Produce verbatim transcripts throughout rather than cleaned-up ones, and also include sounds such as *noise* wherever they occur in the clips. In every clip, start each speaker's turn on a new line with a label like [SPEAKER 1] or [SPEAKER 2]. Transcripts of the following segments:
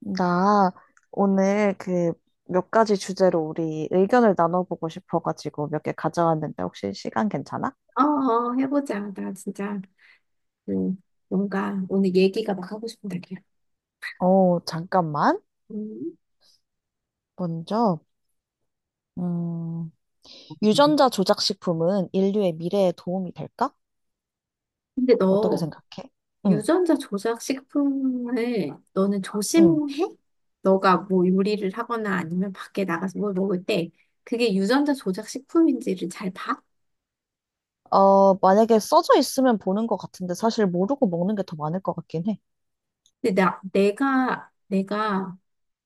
[SPEAKER 1] 나 오늘 그 몇 가지 주제로 우리 의견을 나눠보고 싶어가지고 몇 개 가져왔는데 혹시 시간 괜찮아?
[SPEAKER 2] 어, 어, 해보자. 나 진짜, 음, 뭔가 오늘 얘기가 막 하고 싶은 날이야.
[SPEAKER 1] 어, 잠깐만.
[SPEAKER 2] 음.
[SPEAKER 1] 먼저, 음, 유전자 조작식품은 인류의 미래에 도움이 될까?
[SPEAKER 2] 근데
[SPEAKER 1] 어떻게
[SPEAKER 2] 너
[SPEAKER 1] 생각해? 응,
[SPEAKER 2] 유전자 조작 식품을 너는
[SPEAKER 1] 응.
[SPEAKER 2] 조심해? 너가 뭐 요리를 하거나 아니면 밖에 나가서 뭘 먹을 때 그게 유전자 조작 식품인지를 잘 봐?
[SPEAKER 1] 어, 만약에 써져 있으면 보는 것 같은데 사실 모르고 먹는 게 더 많을 것 같긴 해.
[SPEAKER 2] 근데 나, 내가, 내가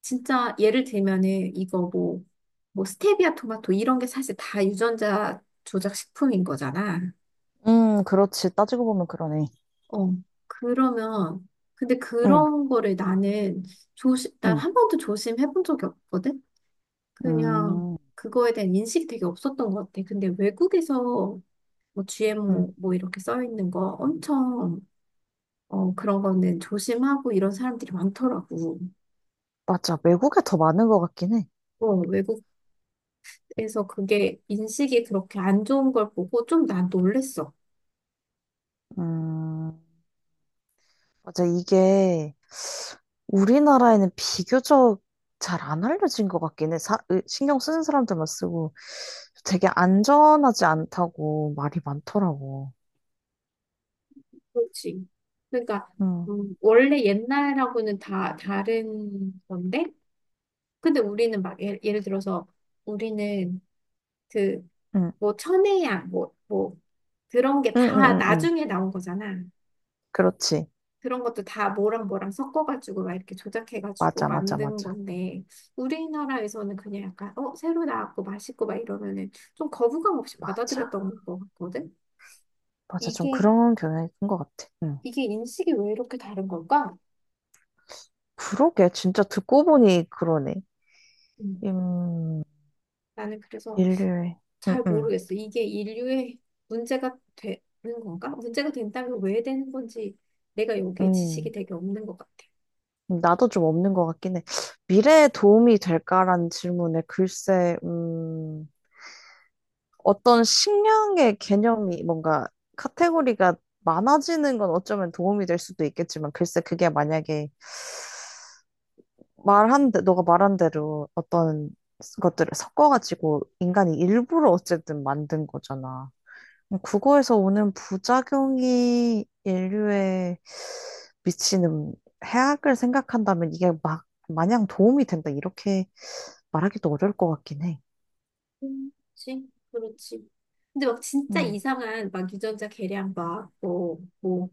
[SPEAKER 2] 진짜 예를 들면은 이거 뭐, 뭐 스테비아 토마토 이런 게 사실 다 유전자 조작 식품인 거잖아.
[SPEAKER 1] 음, 그렇지. 따지고 보면 그러네.
[SPEAKER 2] 어, 그러면, 근데
[SPEAKER 1] 응,
[SPEAKER 2] 그런 거를 나는 조심, 난
[SPEAKER 1] 응,
[SPEAKER 2] 한 번도 조심해본 적이 없거든? 그냥
[SPEAKER 1] 음,
[SPEAKER 2] 그거에 대한 인식이 되게 없었던 것 같아. 근데 외국에서 뭐
[SPEAKER 1] 응.
[SPEAKER 2] 지엠오 뭐 이렇게 써 있는 거 엄청, 어, 그런 거는 조심하고 이런 사람들이 많더라고.
[SPEAKER 1] 맞아. 외국에 더 많은 것 같긴 해.
[SPEAKER 2] 어, 외국에서 그게 인식이 그렇게 안 좋은 걸 보고 좀 난 놀랬어.
[SPEAKER 1] 음. 맞아, 이게 우리나라에는 비교적 잘 안 알려진 것 같긴 해. 사, 으, 신경 쓰는 사람들만 쓰고 되게 안전하지 않다고 말이 많더라고.
[SPEAKER 2] 그렇지. 그러니까,
[SPEAKER 1] 응,
[SPEAKER 2] 음, 원래 옛날하고는 다 다른 건데, 근데 우리는 막 예를, 예를 들어서 우리는 그
[SPEAKER 1] 응,
[SPEAKER 2] 뭐 천혜야 뭐 뭐 그런 게
[SPEAKER 1] 응, 응,
[SPEAKER 2] 다
[SPEAKER 1] 응, 응.
[SPEAKER 2] 나중에 나온 거잖아.
[SPEAKER 1] 그렇지.
[SPEAKER 2] 그런 것도 다 뭐랑 뭐랑 섞어가지고 막 이렇게 조작해가지고
[SPEAKER 1] 맞아, 맞아,
[SPEAKER 2] 만든
[SPEAKER 1] 맞아.
[SPEAKER 2] 건데 우리나라에서는 그냥 약간 어 새로 나왔고 맛있고 막 이러면은 좀 거부감 없이
[SPEAKER 1] 맞아.
[SPEAKER 2] 받아들였던 것 같거든.
[SPEAKER 1] 맞아. 좀
[SPEAKER 2] 이게
[SPEAKER 1] 그런 경향이 큰 것 같아. 응.
[SPEAKER 2] 이게 인식이 왜 이렇게 다른 걸까?
[SPEAKER 1] 그러게. 진짜 듣고 보니 그러네.
[SPEAKER 2] 음,
[SPEAKER 1] 음,
[SPEAKER 2] 나는 그래서
[SPEAKER 1] 인류의. 응,
[SPEAKER 2] 잘
[SPEAKER 1] 응,
[SPEAKER 2] 모르겠어. 이게 인류의 문제가 되는 건가? 문제가 된다면 왜 되는 건지 내가 여기에 지식이
[SPEAKER 1] 응.
[SPEAKER 2] 되게 없는 것 같아.
[SPEAKER 1] 나도 좀 없는 것 같긴 해. 미래에 도움이 될까라는 질문에 글쎄, 음, 어떤 식량의 개념이 뭔가 카테고리가 많아지는 건 어쩌면 도움이 될 수도 있겠지만, 글쎄, 그게 만약에 말한, 대- 너가 말한 대로 어떤 것들을 섞어가지고 인간이 일부러 어쨌든 만든 거잖아. 그거에서 오는 부작용이 인류에 미치는 해악을 생각한다면 이게 막 마냥 도움이 된다 이렇게 말하기도 어려울 것 같긴 해.
[SPEAKER 2] 음. 그렇지, 그렇지. 근데 막 진짜
[SPEAKER 1] 음,
[SPEAKER 2] 이상한 막 유전자 계량 막 뭐, 뭐,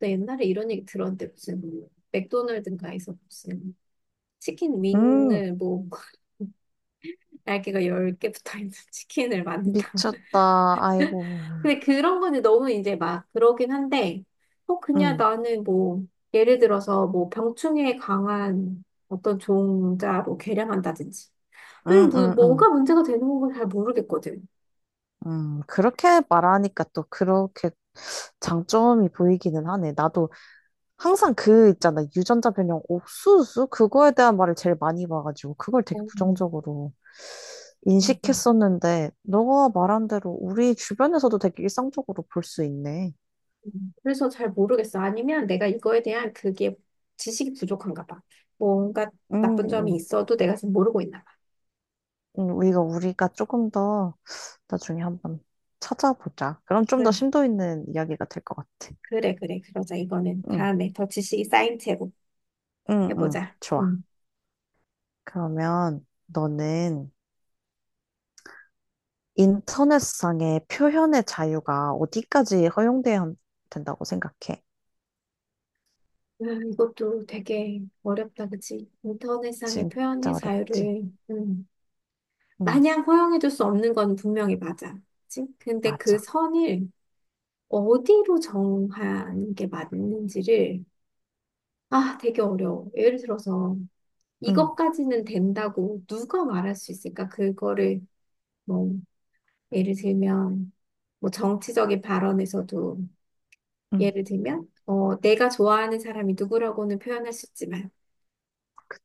[SPEAKER 2] 나 옛날에 이런 얘기 들었는데 무슨 맥도날드인가에서 무슨 치킨
[SPEAKER 1] 음,
[SPEAKER 2] 윙을 뭐 *laughs* 날개가 열 개 붙어 있는 치킨을 만든다고.
[SPEAKER 1] 미쳤다. 아이고.
[SPEAKER 2] 근데 그런 거는 너무 이제 막 그러긴 한데, 어, 그냥
[SPEAKER 1] 음,
[SPEAKER 2] 나는 뭐, 예를 들어서 뭐 병충해에 강한 어떤 종자로 개량한다든지. 이런
[SPEAKER 1] 음,
[SPEAKER 2] 무-
[SPEAKER 1] 음, 음.
[SPEAKER 2] 뭔가 문제가 되는 건 잘 모르겠거든.
[SPEAKER 1] 음, 그렇게 말하니까 또 그렇게 장점이 보이기는 하네. 나도 항상 그 있잖아. 유전자 변형 옥수수? 그거에 대한 말을 제일 많이 봐가지고 그걸 되게
[SPEAKER 2] 어,
[SPEAKER 1] 부정적으로
[SPEAKER 2] 맞아.
[SPEAKER 1] 인식했었는데 너가 말한 대로 우리 주변에서도 되게 일상적으로 볼 수 있네.
[SPEAKER 2] 음, 그래서 잘 모르겠어. 아니면 내가 이거에 대한 그게 지식이 부족한가 봐. 뭔가
[SPEAKER 1] 음,
[SPEAKER 2] 나쁜 점이
[SPEAKER 1] 음.
[SPEAKER 2] 있어도 내가 지금 모르고 있나 봐.
[SPEAKER 1] 음, 우리가 우리가 조금 더 나중에 한번 찾아보자. 그럼 좀 더
[SPEAKER 2] 응,
[SPEAKER 1] 심도 있는 이야기가 될 것 같아.
[SPEAKER 2] 그래, 그래, 그러자. 이거는
[SPEAKER 1] 응,
[SPEAKER 2] 다음에 더 지식이 쌓인 채로
[SPEAKER 1] 응, 응.
[SPEAKER 2] 해보자.
[SPEAKER 1] 좋아.
[SPEAKER 2] 응.
[SPEAKER 1] 그러면 너는 인터넷상의 표현의 자유가 어디까지 허용돼야 한- 된다고 생각해?
[SPEAKER 2] 음, 이것도 되게 어렵다, 그치? 인터넷상의
[SPEAKER 1] 진짜
[SPEAKER 2] 표현의
[SPEAKER 1] 어렵지.
[SPEAKER 2] 자유를, 음,
[SPEAKER 1] 응,
[SPEAKER 2] 마냥 허용해줄 수 없는 건 분명히 맞아. 그치? 근데 그
[SPEAKER 1] 맞아.
[SPEAKER 2] 선을 어디로 정하는 게 맞는지를, 아, 되게 어려워. 예를 들어서,
[SPEAKER 1] 응,
[SPEAKER 2] 이것까지는 된다고 누가 말할 수 있을까? 그거를, 뭐, 예를 들면, 뭐, 정치적인 발언에서도,
[SPEAKER 1] 응,
[SPEAKER 2] 예를 들면, 어, 내가 좋아하는 사람이 누구라고는 표현할 수 있지만,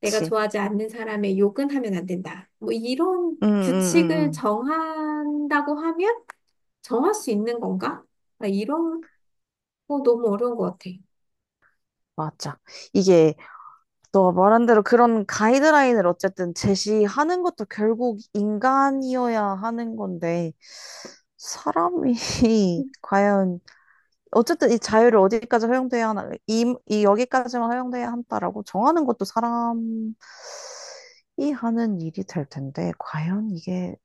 [SPEAKER 2] 내가 좋아하지 않는 사람의 욕은 하면 안 된다. 뭐 이런
[SPEAKER 1] 응, 응, 응,
[SPEAKER 2] 규칙을
[SPEAKER 1] 응.
[SPEAKER 2] 정한다고 하면 정할 수 있는 건가? 나 이런 거 너무 어려운 것 같아.
[SPEAKER 1] 맞아. 이게 너 말한 대로 그런 가이드라인을 어쨌든 제시하는 것도 결국 인간이어야 하는 건데, 사람이 *laughs* 과연 어쨌든 이 자유를 어디까지 허용돼야 하나, 이, 이 여기까지만 허용돼야 한다라고 정하는 것도 사람이 하는 일이 될 텐데, 과연 이게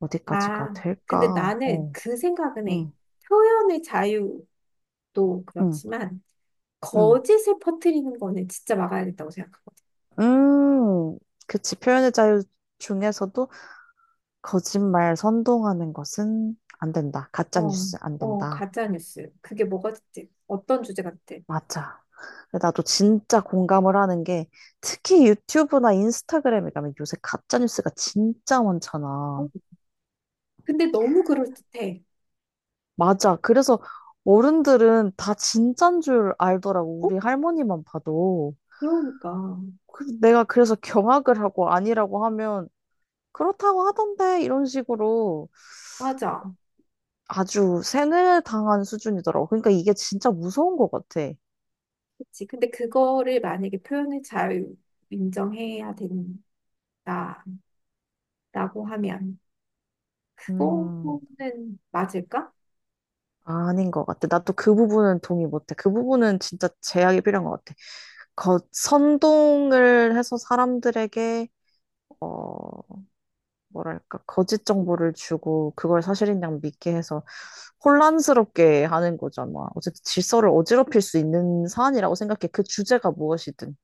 [SPEAKER 1] 어디까지가
[SPEAKER 2] 아, 근데
[SPEAKER 1] 될까?
[SPEAKER 2] 나는
[SPEAKER 1] 어,
[SPEAKER 2] 그 생각은 해.
[SPEAKER 1] 응,
[SPEAKER 2] 표현의 자유도
[SPEAKER 1] 응.
[SPEAKER 2] 그렇지만,
[SPEAKER 1] 음,
[SPEAKER 2] 거짓을 퍼뜨리는 거는 진짜 막아야겠다고 생각하거든.
[SPEAKER 1] 음, 그치. 표현의 자유 중에서도 거짓말 선동하는 것은 안 된다. 가짜
[SPEAKER 2] 어,
[SPEAKER 1] 뉴스 안
[SPEAKER 2] 어,
[SPEAKER 1] 된다.
[SPEAKER 2] 가짜뉴스. 그게 뭐가 됐든, 어떤 주제같
[SPEAKER 1] 맞아. 근데 나도 진짜 공감을 하는 게 특히 유튜브나 인스타그램에 가면 요새 가짜 뉴스가 진짜 많잖아.
[SPEAKER 2] 아 근데 너무 그럴듯해.
[SPEAKER 1] 맞아. 그래서 어른들은 다 진짠 줄 알더라고.
[SPEAKER 2] 어?
[SPEAKER 1] 우리 할머니만 봐도.
[SPEAKER 2] 그러니까.
[SPEAKER 1] 그- 내가 그래서 경악을 하고 아니라고 하면 그렇다고 하던데 이런 식으로
[SPEAKER 2] 맞아.
[SPEAKER 1] 아주 세뇌당한 수준이더라고. 그러니까 이게 진짜 무서운 것 같아.
[SPEAKER 2] 그치. 근데 그거를 만약에 표현을 잘 인정해야 된다라고 하면
[SPEAKER 1] 음,
[SPEAKER 2] 그거는 맞을까?
[SPEAKER 1] 아닌 것 같아. 나 또 그 부분은 동의 못해. 그 부분은 진짜 제약이 필요한 것 같아. 거, 선동을 해서 사람들에게, 어, 뭐랄까, 거짓 정보를 주고, 그걸 사실인 양 믿게 해서 혼란스럽게 하는 거잖아. 어쨌든 질서를 어지럽힐 수 있는 사안이라고 생각해. 그 주제가 무엇이든.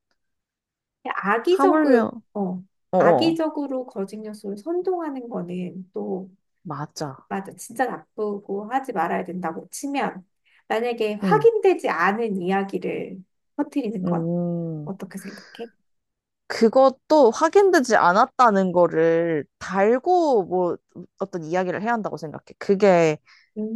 [SPEAKER 2] 그냥
[SPEAKER 1] 하물며,
[SPEAKER 2] 악의적으로, 어,
[SPEAKER 1] 어어,
[SPEAKER 2] 악의적으로 거짓 요소를 선동하는 거는 또
[SPEAKER 1] 맞아.
[SPEAKER 2] 맞아. 진짜 나쁘고 하지 말아야 된다고 치면 만약에
[SPEAKER 1] 응,
[SPEAKER 2] 확인되지 않은 이야기를 퍼뜨리는 건
[SPEAKER 1] 음.
[SPEAKER 2] 어떻게 생각해?
[SPEAKER 1] 그것도 확인되지 않았다는 거를 달고 뭐 어떤 이야기를 해야 한다고 생각해. 그게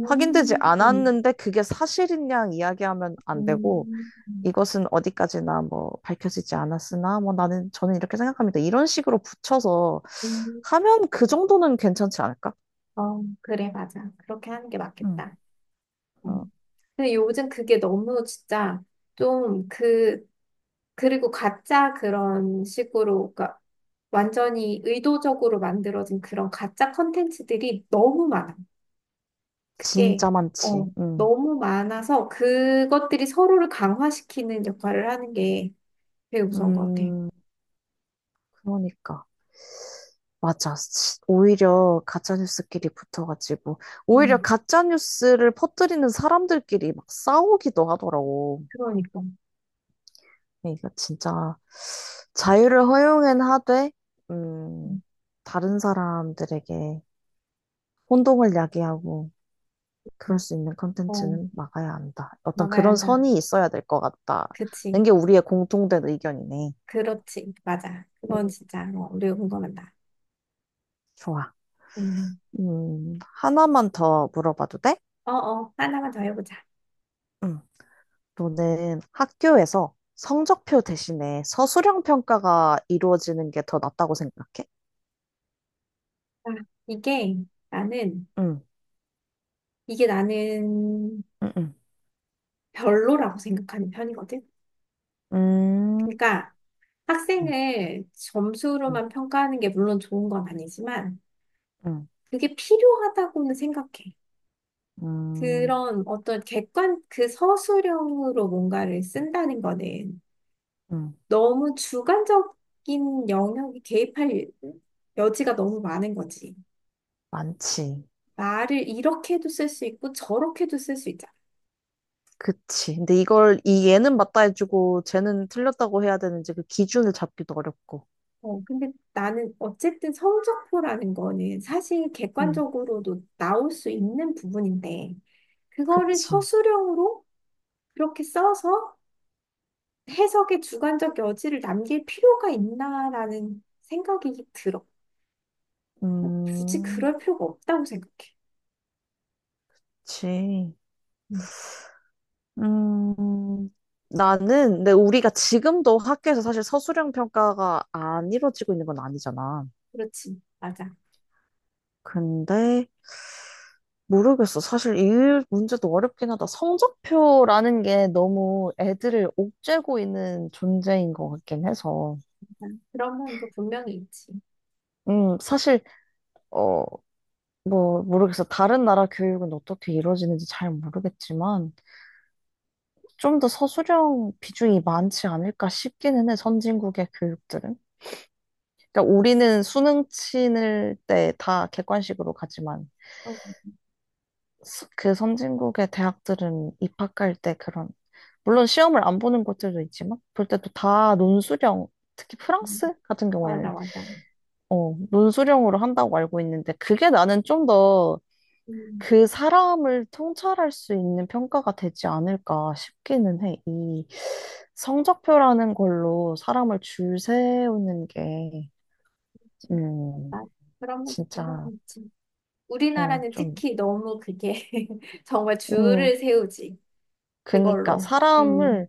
[SPEAKER 1] 확인되지 않았는데 그게 사실인 양 이야기하면 안 되고
[SPEAKER 2] 음,
[SPEAKER 1] 이것은 어디까지나 뭐 밝혀지지 않았으나 뭐 나는 저는 이렇게 생각합니다. 이런 식으로 붙여서
[SPEAKER 2] 음.
[SPEAKER 1] 하면 그 정도는 괜찮지 않을까?
[SPEAKER 2] 어, 그래, 맞아. 그렇게 하는 게
[SPEAKER 1] 음.
[SPEAKER 2] 맞겠다.
[SPEAKER 1] 어,
[SPEAKER 2] 근데 요즘 그게 너무 진짜 좀 그, 그리고 가짜 그런 식으로, 그러니까 완전히 의도적으로 만들어진 그런 가짜 컨텐츠들이 너무 많아. 그게,
[SPEAKER 1] 진짜 많지.
[SPEAKER 2] 어,
[SPEAKER 1] 음.
[SPEAKER 2] 너무 많아서 그것들이 서로를 강화시키는 역할을 하는 게 되게 무서운 것 같아.
[SPEAKER 1] 음, 그러니까. 맞아. 시- 오히려 가짜뉴스끼리 붙어가지고, 오히려
[SPEAKER 2] 음,
[SPEAKER 1] 가짜뉴스를 퍼뜨리는 사람들끼리 막 싸우기도 하더라고.
[SPEAKER 2] 그러니까.
[SPEAKER 1] 이거 진짜 자유를 허용은 하되, 음,
[SPEAKER 2] 음,
[SPEAKER 1] 다른 사람들에게 혼동을 야기하고, 그럴
[SPEAKER 2] 음.
[SPEAKER 1] 수 있는
[SPEAKER 2] 어,
[SPEAKER 1] 컨텐츠는 막아야 한다. 어떤
[SPEAKER 2] 막아야
[SPEAKER 1] 그런
[SPEAKER 2] 한다.
[SPEAKER 1] 선이 있어야 될 것 같다.
[SPEAKER 2] 그치.
[SPEAKER 1] 는게 우리의 공통된 의견이네.
[SPEAKER 2] 그렇지. 맞아. 그건
[SPEAKER 1] 음,
[SPEAKER 2] 진짜, 어, 우리가 공감한다.
[SPEAKER 1] 좋아.
[SPEAKER 2] 음.
[SPEAKER 1] 음, 하나만 더 물어봐도 돼?
[SPEAKER 2] 어, 어, 하나만 더 해보자.
[SPEAKER 1] 응. 너는 학교에서 성적표 대신에 서술형 평가가 이루어지는 게 더 낫다고 생각해?
[SPEAKER 2] 아, 이게 나는,
[SPEAKER 1] 응,
[SPEAKER 2] 이게 나는
[SPEAKER 1] 응, 응,
[SPEAKER 2] 별로라고 생각하는 편이거든.
[SPEAKER 1] 음,
[SPEAKER 2] 그러니까
[SPEAKER 1] 응,
[SPEAKER 2] 학생을
[SPEAKER 1] 응,
[SPEAKER 2] 점수로만 평가하는 게 물론 좋은 건 아니지만
[SPEAKER 1] 응,
[SPEAKER 2] 그게 필요하다고는 생각해.
[SPEAKER 1] 음,
[SPEAKER 2] 그런 어떤 객관, 그 서술형으로 뭔가를 쓴다는 거는
[SPEAKER 1] 응.
[SPEAKER 2] 너무 주관적인 영역에 개입할 여지가 너무 많은 거지.
[SPEAKER 1] 많지.
[SPEAKER 2] 말을 이렇게도 쓸 수 있고 저렇게도 쓸 수 있잖아.
[SPEAKER 1] 그치. 근데 이걸 이 얘는 맞다 해주고 쟤는 틀렸다고 해야 되는지 그 기준을 잡기도 어렵고.
[SPEAKER 2] 어, 근데 나는 어쨌든 성적표라는 거는 사실
[SPEAKER 1] 응,
[SPEAKER 2] 객관적으로도 나올 수 있는 부분인데, 그거를
[SPEAKER 1] 그치.
[SPEAKER 2] 서술형으로 그렇게 써서 해석의 주관적 여지를 남길 필요가 있나라는 생각이 들어. 굳이
[SPEAKER 1] 음,
[SPEAKER 2] 그럴 필요가 없다고 생각해.
[SPEAKER 1] 그치.
[SPEAKER 2] 음,
[SPEAKER 1] 음, 나는 근데 우리가 지금도 학교에서 사실 서술형 평가가 안 이루어지고 있는 건 아니잖아.
[SPEAKER 2] 그렇지. 맞아.
[SPEAKER 1] 근데 모르겠어. 사실 이 문제도 어렵긴 하다. 성적표라는 게 너무 애들을 옥죄고 있는 존재인
[SPEAKER 2] 음,
[SPEAKER 1] 것 같긴 해서.
[SPEAKER 2] 맞아. 그런 면도 분명히 있지.
[SPEAKER 1] 음, 사실 어, 뭐 모르겠어. 다른 나라 교육은 어떻게 이루어지는지 잘 모르겠지만 좀 더 서술형 비중이 많지 않을까 싶기는 해. 선진국의 교육들은. 그러니까 우리는 수능 치는 때 다 객관식으로 가지만
[SPEAKER 2] 어,
[SPEAKER 1] 스- 그 선진국의 대학들은 입학할 때 그런 물론 시험을 안 보는 것들도 있지만 볼 때도 다 논술형 특히
[SPEAKER 2] 음,
[SPEAKER 1] 프랑스 같은
[SPEAKER 2] 맞아,
[SPEAKER 1] 경우에는
[SPEAKER 2] 맞아.
[SPEAKER 1] 어, 논술형으로 한다고 알고 있는데 그게 나는 좀 더
[SPEAKER 2] 음,
[SPEAKER 1] 그 사람을 통찰할 수 있는 평가가 되지 않을까 싶기는 해. 이 성적표라는 걸로 사람을 줄 세우는 게
[SPEAKER 2] 그렇지.
[SPEAKER 1] 음,
[SPEAKER 2] 맞아. 그런 면도 분명히
[SPEAKER 1] 진짜
[SPEAKER 2] 있지.
[SPEAKER 1] 어,
[SPEAKER 2] 우리나라는
[SPEAKER 1] 좀
[SPEAKER 2] 특히 너무 그게 *laughs* 정말
[SPEAKER 1] 음,
[SPEAKER 2] 줄을 세우지.
[SPEAKER 1] 그니까
[SPEAKER 2] 그걸로. 음,
[SPEAKER 1] 사람을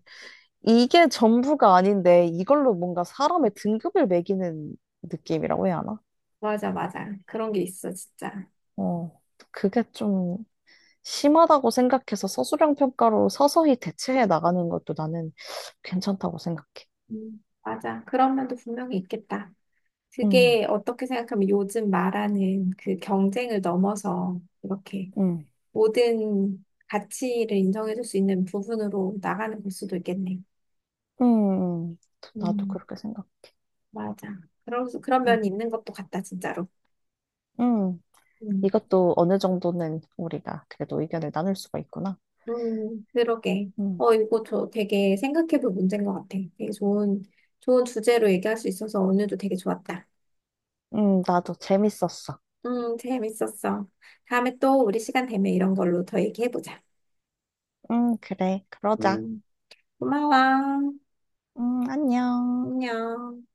[SPEAKER 1] 이게 전부가 아닌데 이걸로 뭔가 사람의 등급을 매기는 느낌이라고 해야 하나?
[SPEAKER 2] 맞아, 맞아. 그런 게 있어, 진짜.
[SPEAKER 1] 어, 그게 좀 심하다고 생각해서 서술형 평가로 서서히 대체해 나가는 것도 나는 괜찮다고 생각해.
[SPEAKER 2] 음, 맞아. 그런 면도 분명히 있겠다.
[SPEAKER 1] 응,
[SPEAKER 2] 그게 어떻게 생각하면 요즘 말하는 그 경쟁을 넘어서 이렇게
[SPEAKER 1] 응,
[SPEAKER 2] 모든 가치를 인정해줄 수 있는 부분으로 나가는 걸 수도 있겠네.
[SPEAKER 1] 응, 응. 나도
[SPEAKER 2] 음,
[SPEAKER 1] 그렇게 생각.
[SPEAKER 2] 맞아. 그런, 그런
[SPEAKER 1] 응,
[SPEAKER 2] 면이 있는 것도 같다, 진짜로.
[SPEAKER 1] 응.
[SPEAKER 2] 음.
[SPEAKER 1] 이것도 어느 정도는 우리가 그래도 의견을 나눌 수가 있구나.
[SPEAKER 2] 음, 그러게.
[SPEAKER 1] 응,
[SPEAKER 2] 어, 이거 저 되게 생각해볼 문제인 것 같아. 되게 좋은, 좋은 주제로 얘기할 수 있어서 오늘도 되게 좋았다.
[SPEAKER 1] 응, 나도 재밌었어.
[SPEAKER 2] 음, 재밌었어. 다음에 또 우리 시간 되면 이런 걸로 더 얘기해보자.
[SPEAKER 1] 응, 그래, 그러자.
[SPEAKER 2] 음, 고마워.
[SPEAKER 1] 응, 안녕.
[SPEAKER 2] 안녕.